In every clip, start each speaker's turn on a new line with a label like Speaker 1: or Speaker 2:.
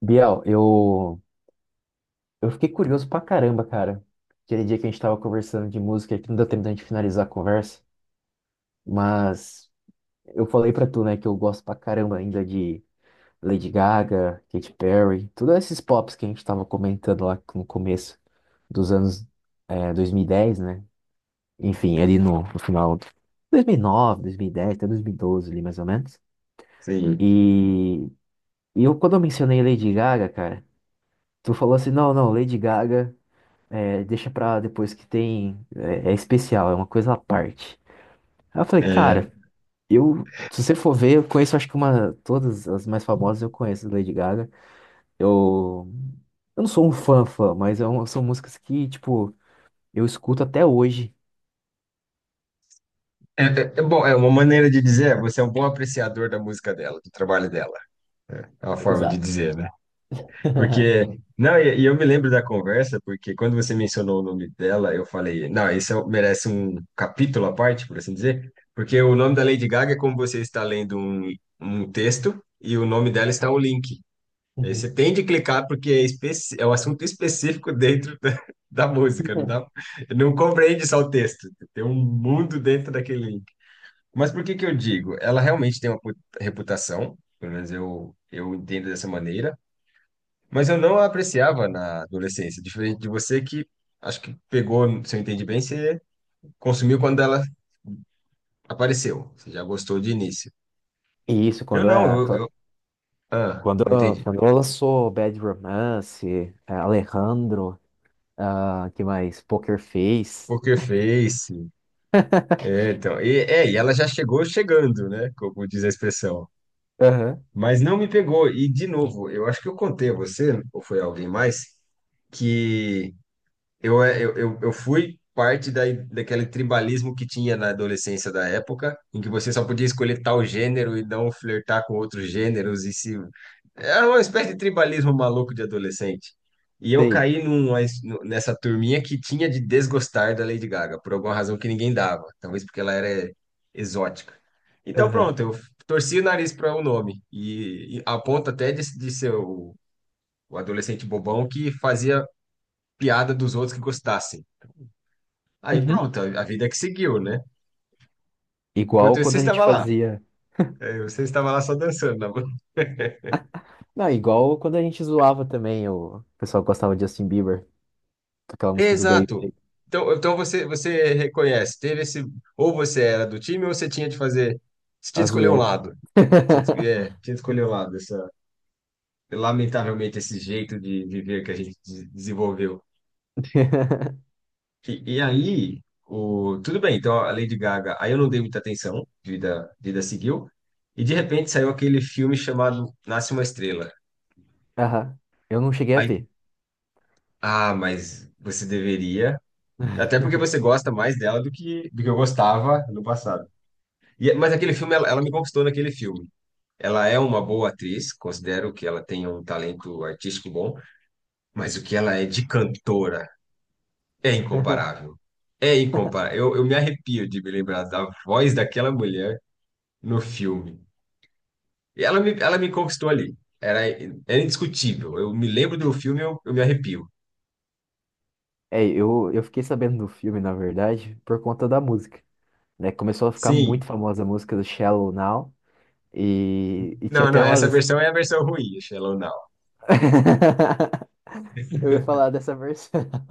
Speaker 1: Biel, eu fiquei curioso pra caramba, cara. Aquele dia que a gente tava conversando de música, que não deu tempo da gente finalizar a conversa, mas eu falei pra tu, né, que eu gosto pra caramba ainda de Lady Gaga, Katy Perry, todos esses pops que a gente tava comentando lá no começo dos anos 2010, né? Enfim, ali no final de 2009, 2010, até 2012 ali mais ou menos.
Speaker 2: Sim.
Speaker 1: E, e eu, quando eu mencionei Lady Gaga, cara, tu falou assim, não, não, Lady Gaga. É, deixa pra depois que tem. É, é especial, é uma coisa à parte. Aí eu falei,
Speaker 2: É,
Speaker 1: cara, eu. Se você for ver, eu conheço acho que uma. Todas as mais famosas eu conheço da Lady Gaga. Eu. Eu não sou um fã fã, mas são músicas que, tipo, eu escuto até hoje.
Speaker 2: é bom, é uma maneira de dizer, é, você é um bom apreciador da música dela, do trabalho dela. É uma forma de
Speaker 1: Exato.
Speaker 2: dizer, né? Porque, não, eu me lembro da conversa, porque quando você mencionou o nome dela, eu falei, não, um, merece um capítulo à parte, por assim dizer, porque o nome da Lady Gaga é como você está lendo um texto e o nome dela está um link. Aí
Speaker 1: Uhum.
Speaker 2: você tem de clicar porque é, é um assunto específico da música, não compreende só o texto, tem um mundo dentro daquele. Mas por que que eu digo? Ela realmente tem uma reputação, pelo menos eu entendo dessa maneira, mas eu não a apreciava na adolescência, diferente de você que acho que pegou, se eu entendi bem, você consumiu quando ela apareceu, você já gostou de início.
Speaker 1: E isso,
Speaker 2: Eu não, eu- Ah,
Speaker 1: Quando,
Speaker 2: não entendi.
Speaker 1: quando ela lançou Bad Romance, é, Alejandro, ah, que mais? Poker Face.
Speaker 2: Poker Face, é, então, e ela já chegou chegando, né, como diz a expressão,
Speaker 1: Aham,
Speaker 2: mas não me pegou, e de novo, eu acho que eu contei a você, ou foi alguém mais, que Eu, é, eu fui parte daquele tribalismo que tinha na adolescência da época, em que você só podia escolher tal gênero e não flertar com outros gêneros e se... Era uma espécie de tribalismo maluco de adolescente. E eu
Speaker 1: sei.
Speaker 2: caí nessa turminha que tinha de desgostar da Lady Gaga, por alguma razão que ninguém dava. Talvez porque ela era exótica. Então,
Speaker 1: Aham.
Speaker 2: pronto, eu torci o nariz para o nome. E a ponto até de ser o adolescente bobão que fazia piada dos outros que gostassem. Aí
Speaker 1: Uhum.
Speaker 2: pronto, a vida que seguiu, né? Enquanto
Speaker 1: Igual
Speaker 2: você
Speaker 1: quando a gente
Speaker 2: estava lá,
Speaker 1: fazia.
Speaker 2: aí você estava lá só dançando na bola.
Speaker 1: Não, igual quando a gente zoava também, o pessoal gostava de Justin Bieber, com aquela música do Baby, né,
Speaker 2: Exato. Então, você, você reconhece, teve esse, ou você era do time ou você tinha de fazer, você tinha
Speaker 1: a
Speaker 2: de escolher um
Speaker 1: zoeira.
Speaker 2: lado. Tinha. É, tinha de escolher um lado, essa, lamentavelmente esse jeito de viver que a gente desenvolveu. E aí, o, tudo bem, então a Lady Gaga, aí eu não dei muita atenção, vida seguiu, e de repente saiu aquele filme chamado Nasce uma Estrela.
Speaker 1: Aham. Eu não cheguei a
Speaker 2: Aí
Speaker 1: ver.
Speaker 2: ah, mas você deveria. Até porque você gosta mais dela do que eu gostava no passado. Mas aquele filme, ela me conquistou naquele filme. Ela é uma boa atriz, considero que ela tem um talento artístico bom, mas o que ela é de cantora é incomparável. É incomparável. Eu me arrepio de me lembrar da voz daquela mulher no filme. Ela me conquistou ali. Era, Era indiscutível. Eu me lembro do filme, eu me arrepio.
Speaker 1: É, eu fiquei sabendo do filme, na verdade, por conta da música, né? Começou a ficar
Speaker 2: Sim.
Speaker 1: muito famosa a música do Shallow Now e tinha
Speaker 2: Não, não,
Speaker 1: até
Speaker 2: Essa
Speaker 1: umas...
Speaker 2: versão é a versão ruim, Shallow Now.
Speaker 1: Eu ia falar dessa versão.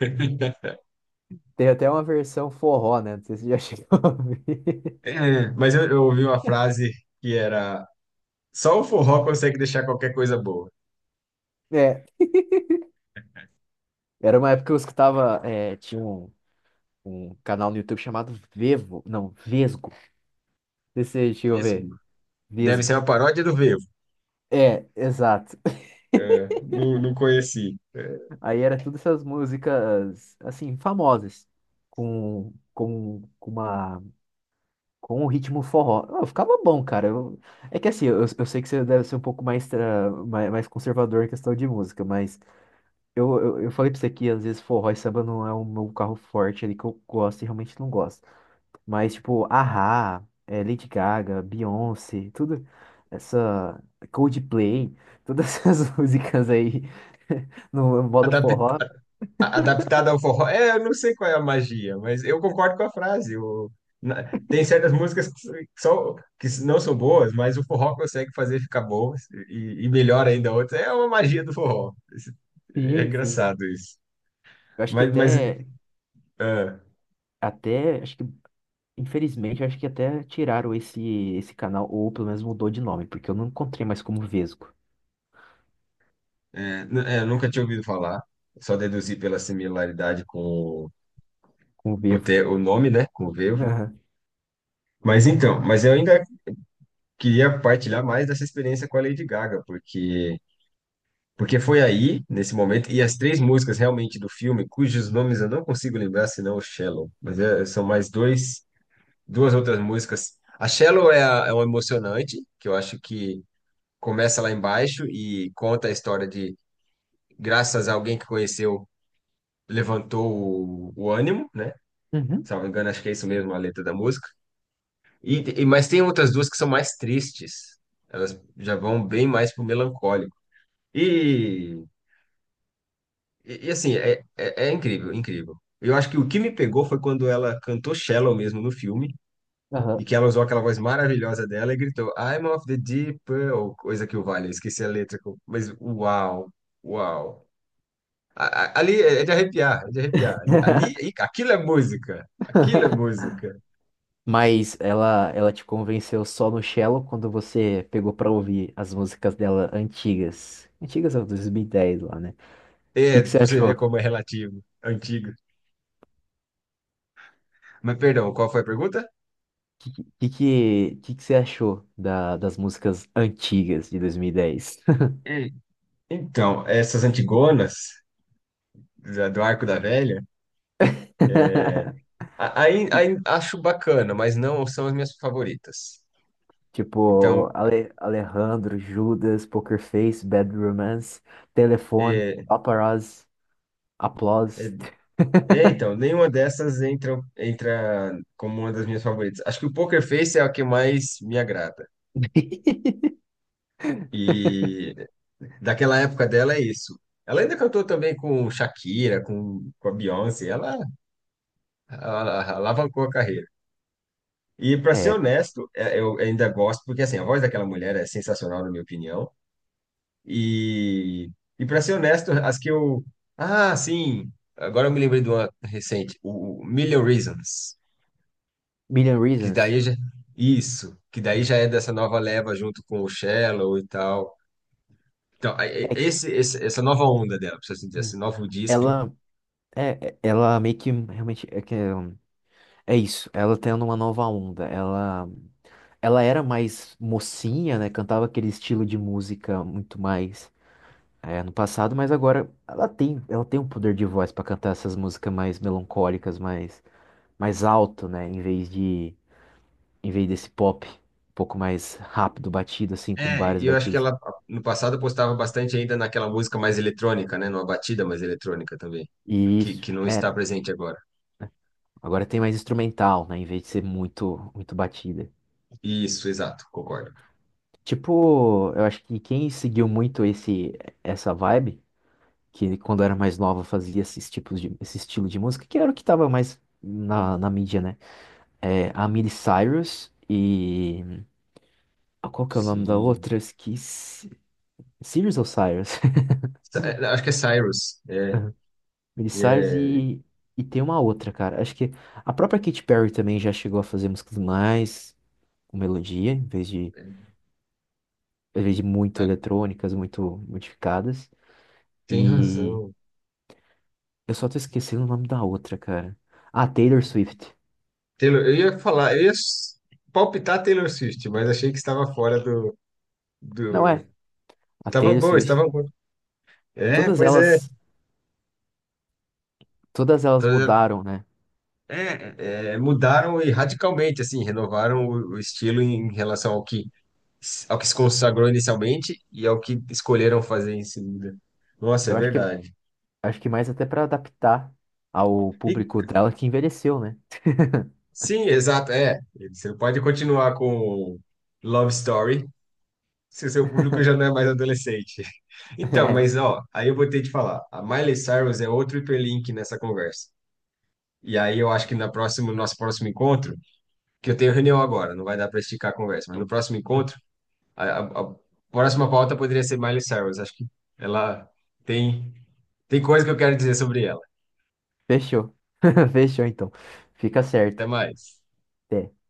Speaker 1: Tem até uma versão forró, né? Não sei se você já chegou a ouvir.
Speaker 2: É, mas eu ouvi uma frase que era: só o forró consegue deixar qualquer coisa boa.
Speaker 1: É, era uma época que eu escutava, é, tinha um canal no YouTube chamado Vevo, não, Vesgo. Não sei se Você chegou a
Speaker 2: Isso
Speaker 1: ver?
Speaker 2: deve ser
Speaker 1: Vesgo.
Speaker 2: uma paródia do Vevo.
Speaker 1: É, exato.
Speaker 2: É, não, não conheci.
Speaker 1: Aí era todas essas músicas, assim, famosas, com uma, com um ritmo forró. Eu ficava bom, cara. É que assim, eu sei que você deve ser um pouco mais, ah, mais, mais conservador em questão de música, mas eu falei pra você que às vezes forró e samba não é o meu carro forte ali que eu gosto e realmente não gosto. Mas, tipo, a Lady Gaga, Beyoncé, tudo essa Coldplay, todas essas músicas aí no modo
Speaker 2: Adapta,
Speaker 1: forró.
Speaker 2: Adaptada ao forró. É, eu não sei qual é a magia, mas eu concordo com a frase. Tem certas músicas que, só, que não são boas, mas o forró consegue fazer ficar boas e melhor ainda outras. É uma magia do forró. É
Speaker 1: Sim, sim.
Speaker 2: engraçado isso.
Speaker 1: Eu acho que
Speaker 2: Mas
Speaker 1: até,
Speaker 2: é.
Speaker 1: até, acho que, infelizmente, eu acho que até tiraram esse canal, ou pelo menos mudou de nome, porque eu não encontrei mais como Vesgo,
Speaker 2: É, é, eu nunca tinha ouvido falar, só deduzi pela similaridade com
Speaker 1: como Vevo.
Speaker 2: o nome, né, com o Vevo.
Speaker 1: Aham.
Speaker 2: Mas então, mas eu ainda queria partilhar mais dessa experiência com a Lady Gaga, porque foi aí, nesse momento, e as três músicas realmente do filme, cujos nomes eu não consigo lembrar, senão o Shallow, mas são mais dois, duas outras músicas. A Shallow é, a, é um emocionante, que eu acho que começa lá embaixo e conta a história de, graças a alguém que conheceu, levantou o ânimo, né?
Speaker 1: Uhum.
Speaker 2: Salvo engano, acho que é isso mesmo a letra da música. Mas tem outras duas que são mais tristes. Elas já vão bem mais pro melancólico. E, assim, é incrível, incrível. Eu acho que o que me pegou foi quando ela cantou Shallow mesmo no filme, e
Speaker 1: Aham.
Speaker 2: que ela usou aquela voz maravilhosa dela e gritou I'm of the deep purple, coisa que o vale, eu esqueci a letra, mas uau, uau. Ali é de arrepiar, é de arrepiar. Aquilo é música, aquilo é música.
Speaker 1: Mas ela te convenceu só no Shallow quando você pegou pra ouvir as músicas dela antigas. Antigas, ó, 2010 lá, né?
Speaker 2: É,
Speaker 1: Que você
Speaker 2: pra você
Speaker 1: achou?
Speaker 2: ver como é relativo, antigo. Mas perdão, qual foi a pergunta?
Speaker 1: Que que, que, que você achou da, das músicas antigas de 2010?
Speaker 2: Hum. Então, essas Antigonas do Arco da Velha, é,
Speaker 1: Ti-
Speaker 2: aí acho bacana, mas não são as minhas favoritas.
Speaker 1: Tipo,
Speaker 2: Então,
Speaker 1: Alejandro, Judas, Poker Face, Bad Romance, Telefone,
Speaker 2: é,
Speaker 1: Paparazzi, Applause.
Speaker 2: é, nenhuma dessas entra, entra como uma das minhas favoritas. Acho que o Poker Face é a que mais me agrada. E daquela época dela é isso. Ela ainda cantou também com Shakira, com a Beyoncé. Ela alavancou a carreira. E para ser
Speaker 1: É,
Speaker 2: honesto, eu ainda gosto, porque assim, a voz daquela mulher é sensacional, na minha opinião. E, e para ser honesto, as que eu. Ah, sim! Agora eu me lembrei de uma recente, o Million Reasons,
Speaker 1: Million
Speaker 2: que
Speaker 1: Reasons.
Speaker 2: daí já. Isso, que daí já é dessa nova leva junto com o Shallow e tal. Então,
Speaker 1: É,
Speaker 2: esse, essa nova onda dela, precisa assim dizer, esse novo disco.
Speaker 1: ela, ela meio que realmente é, que, é isso. Ela tendo uma nova onda. Ela era mais mocinha, né? Cantava aquele estilo de música muito mais É, no passado, mas agora ela tem um poder de voz pra cantar essas músicas mais melancólicas, mais mais alto, né, em vez de em vez desse pop um pouco mais rápido, batido assim, com
Speaker 2: É,
Speaker 1: várias
Speaker 2: e eu acho que
Speaker 1: batidas.
Speaker 2: ela no passado postava bastante ainda naquela música mais eletrônica, né? Numa batida mais eletrônica também,
Speaker 1: E isso
Speaker 2: que não está
Speaker 1: era.
Speaker 2: presente agora.
Speaker 1: Agora tem mais instrumental, né, em vez de ser muito muito batida.
Speaker 2: Isso, exato, concordo.
Speaker 1: Tipo, eu acho que quem seguiu muito esse essa vibe, que quando era mais nova fazia esses tipos de esse estilo de música, que era o que tava mais na, na mídia, né? É, a Miley Cyrus e ah, qual que é o nome da
Speaker 2: Sim.
Speaker 1: outra? Eu esqueci. Sirius ou Cyrus?
Speaker 2: É, acho que é Cyrus.
Speaker 1: Aham. Miley
Speaker 2: E
Speaker 1: Cyrus
Speaker 2: é,
Speaker 1: e tem uma outra, cara. Acho que a própria Katy Perry também já chegou a fazer músicas mais com melodia, em vez de muito
Speaker 2: ah,
Speaker 1: eletrônicas, muito modificadas.
Speaker 2: tem
Speaker 1: E
Speaker 2: razão.
Speaker 1: eu só tô esquecendo o nome da outra, cara. Ah, Taylor Swift.
Speaker 2: Taylor, eu ia falar, eu ia s- Palpitar Taylor Swift, mas achei que estava fora
Speaker 1: Não
Speaker 2: do...
Speaker 1: é. A
Speaker 2: Estava
Speaker 1: Taylor
Speaker 2: bom,
Speaker 1: Swift.
Speaker 2: estava bom. É,
Speaker 1: Todas
Speaker 2: pois é.
Speaker 1: elas, todas elas
Speaker 2: Todas-
Speaker 1: mudaram, né?
Speaker 2: É, Mudaram e radicalmente, assim, renovaram o estilo em relação ao que, ao que se consagrou inicialmente e ao que escolheram fazer em seguida. Nossa, é
Speaker 1: Eu
Speaker 2: verdade.
Speaker 1: acho que mais até pra adaptar ao público dela que envelheceu, né?
Speaker 2: Sim, exato, é. Você pode continuar com Love Story, se o seu público já não é mais adolescente. Então, mas ó, aí eu vou ter que falar, a Miley Cyrus é outro hiperlink nessa conversa. E aí eu acho que na próxima, no nosso próximo encontro, que eu tenho reunião agora, não vai dar para esticar a conversa, mas no próximo encontro, a próxima pauta poderia ser Miley Cyrus. Acho que ela tem tem coisa que eu quero dizer sobre ela.
Speaker 1: Fechou. Fechou, então. Fica
Speaker 2: Até
Speaker 1: certo.
Speaker 2: mais.
Speaker 1: Até.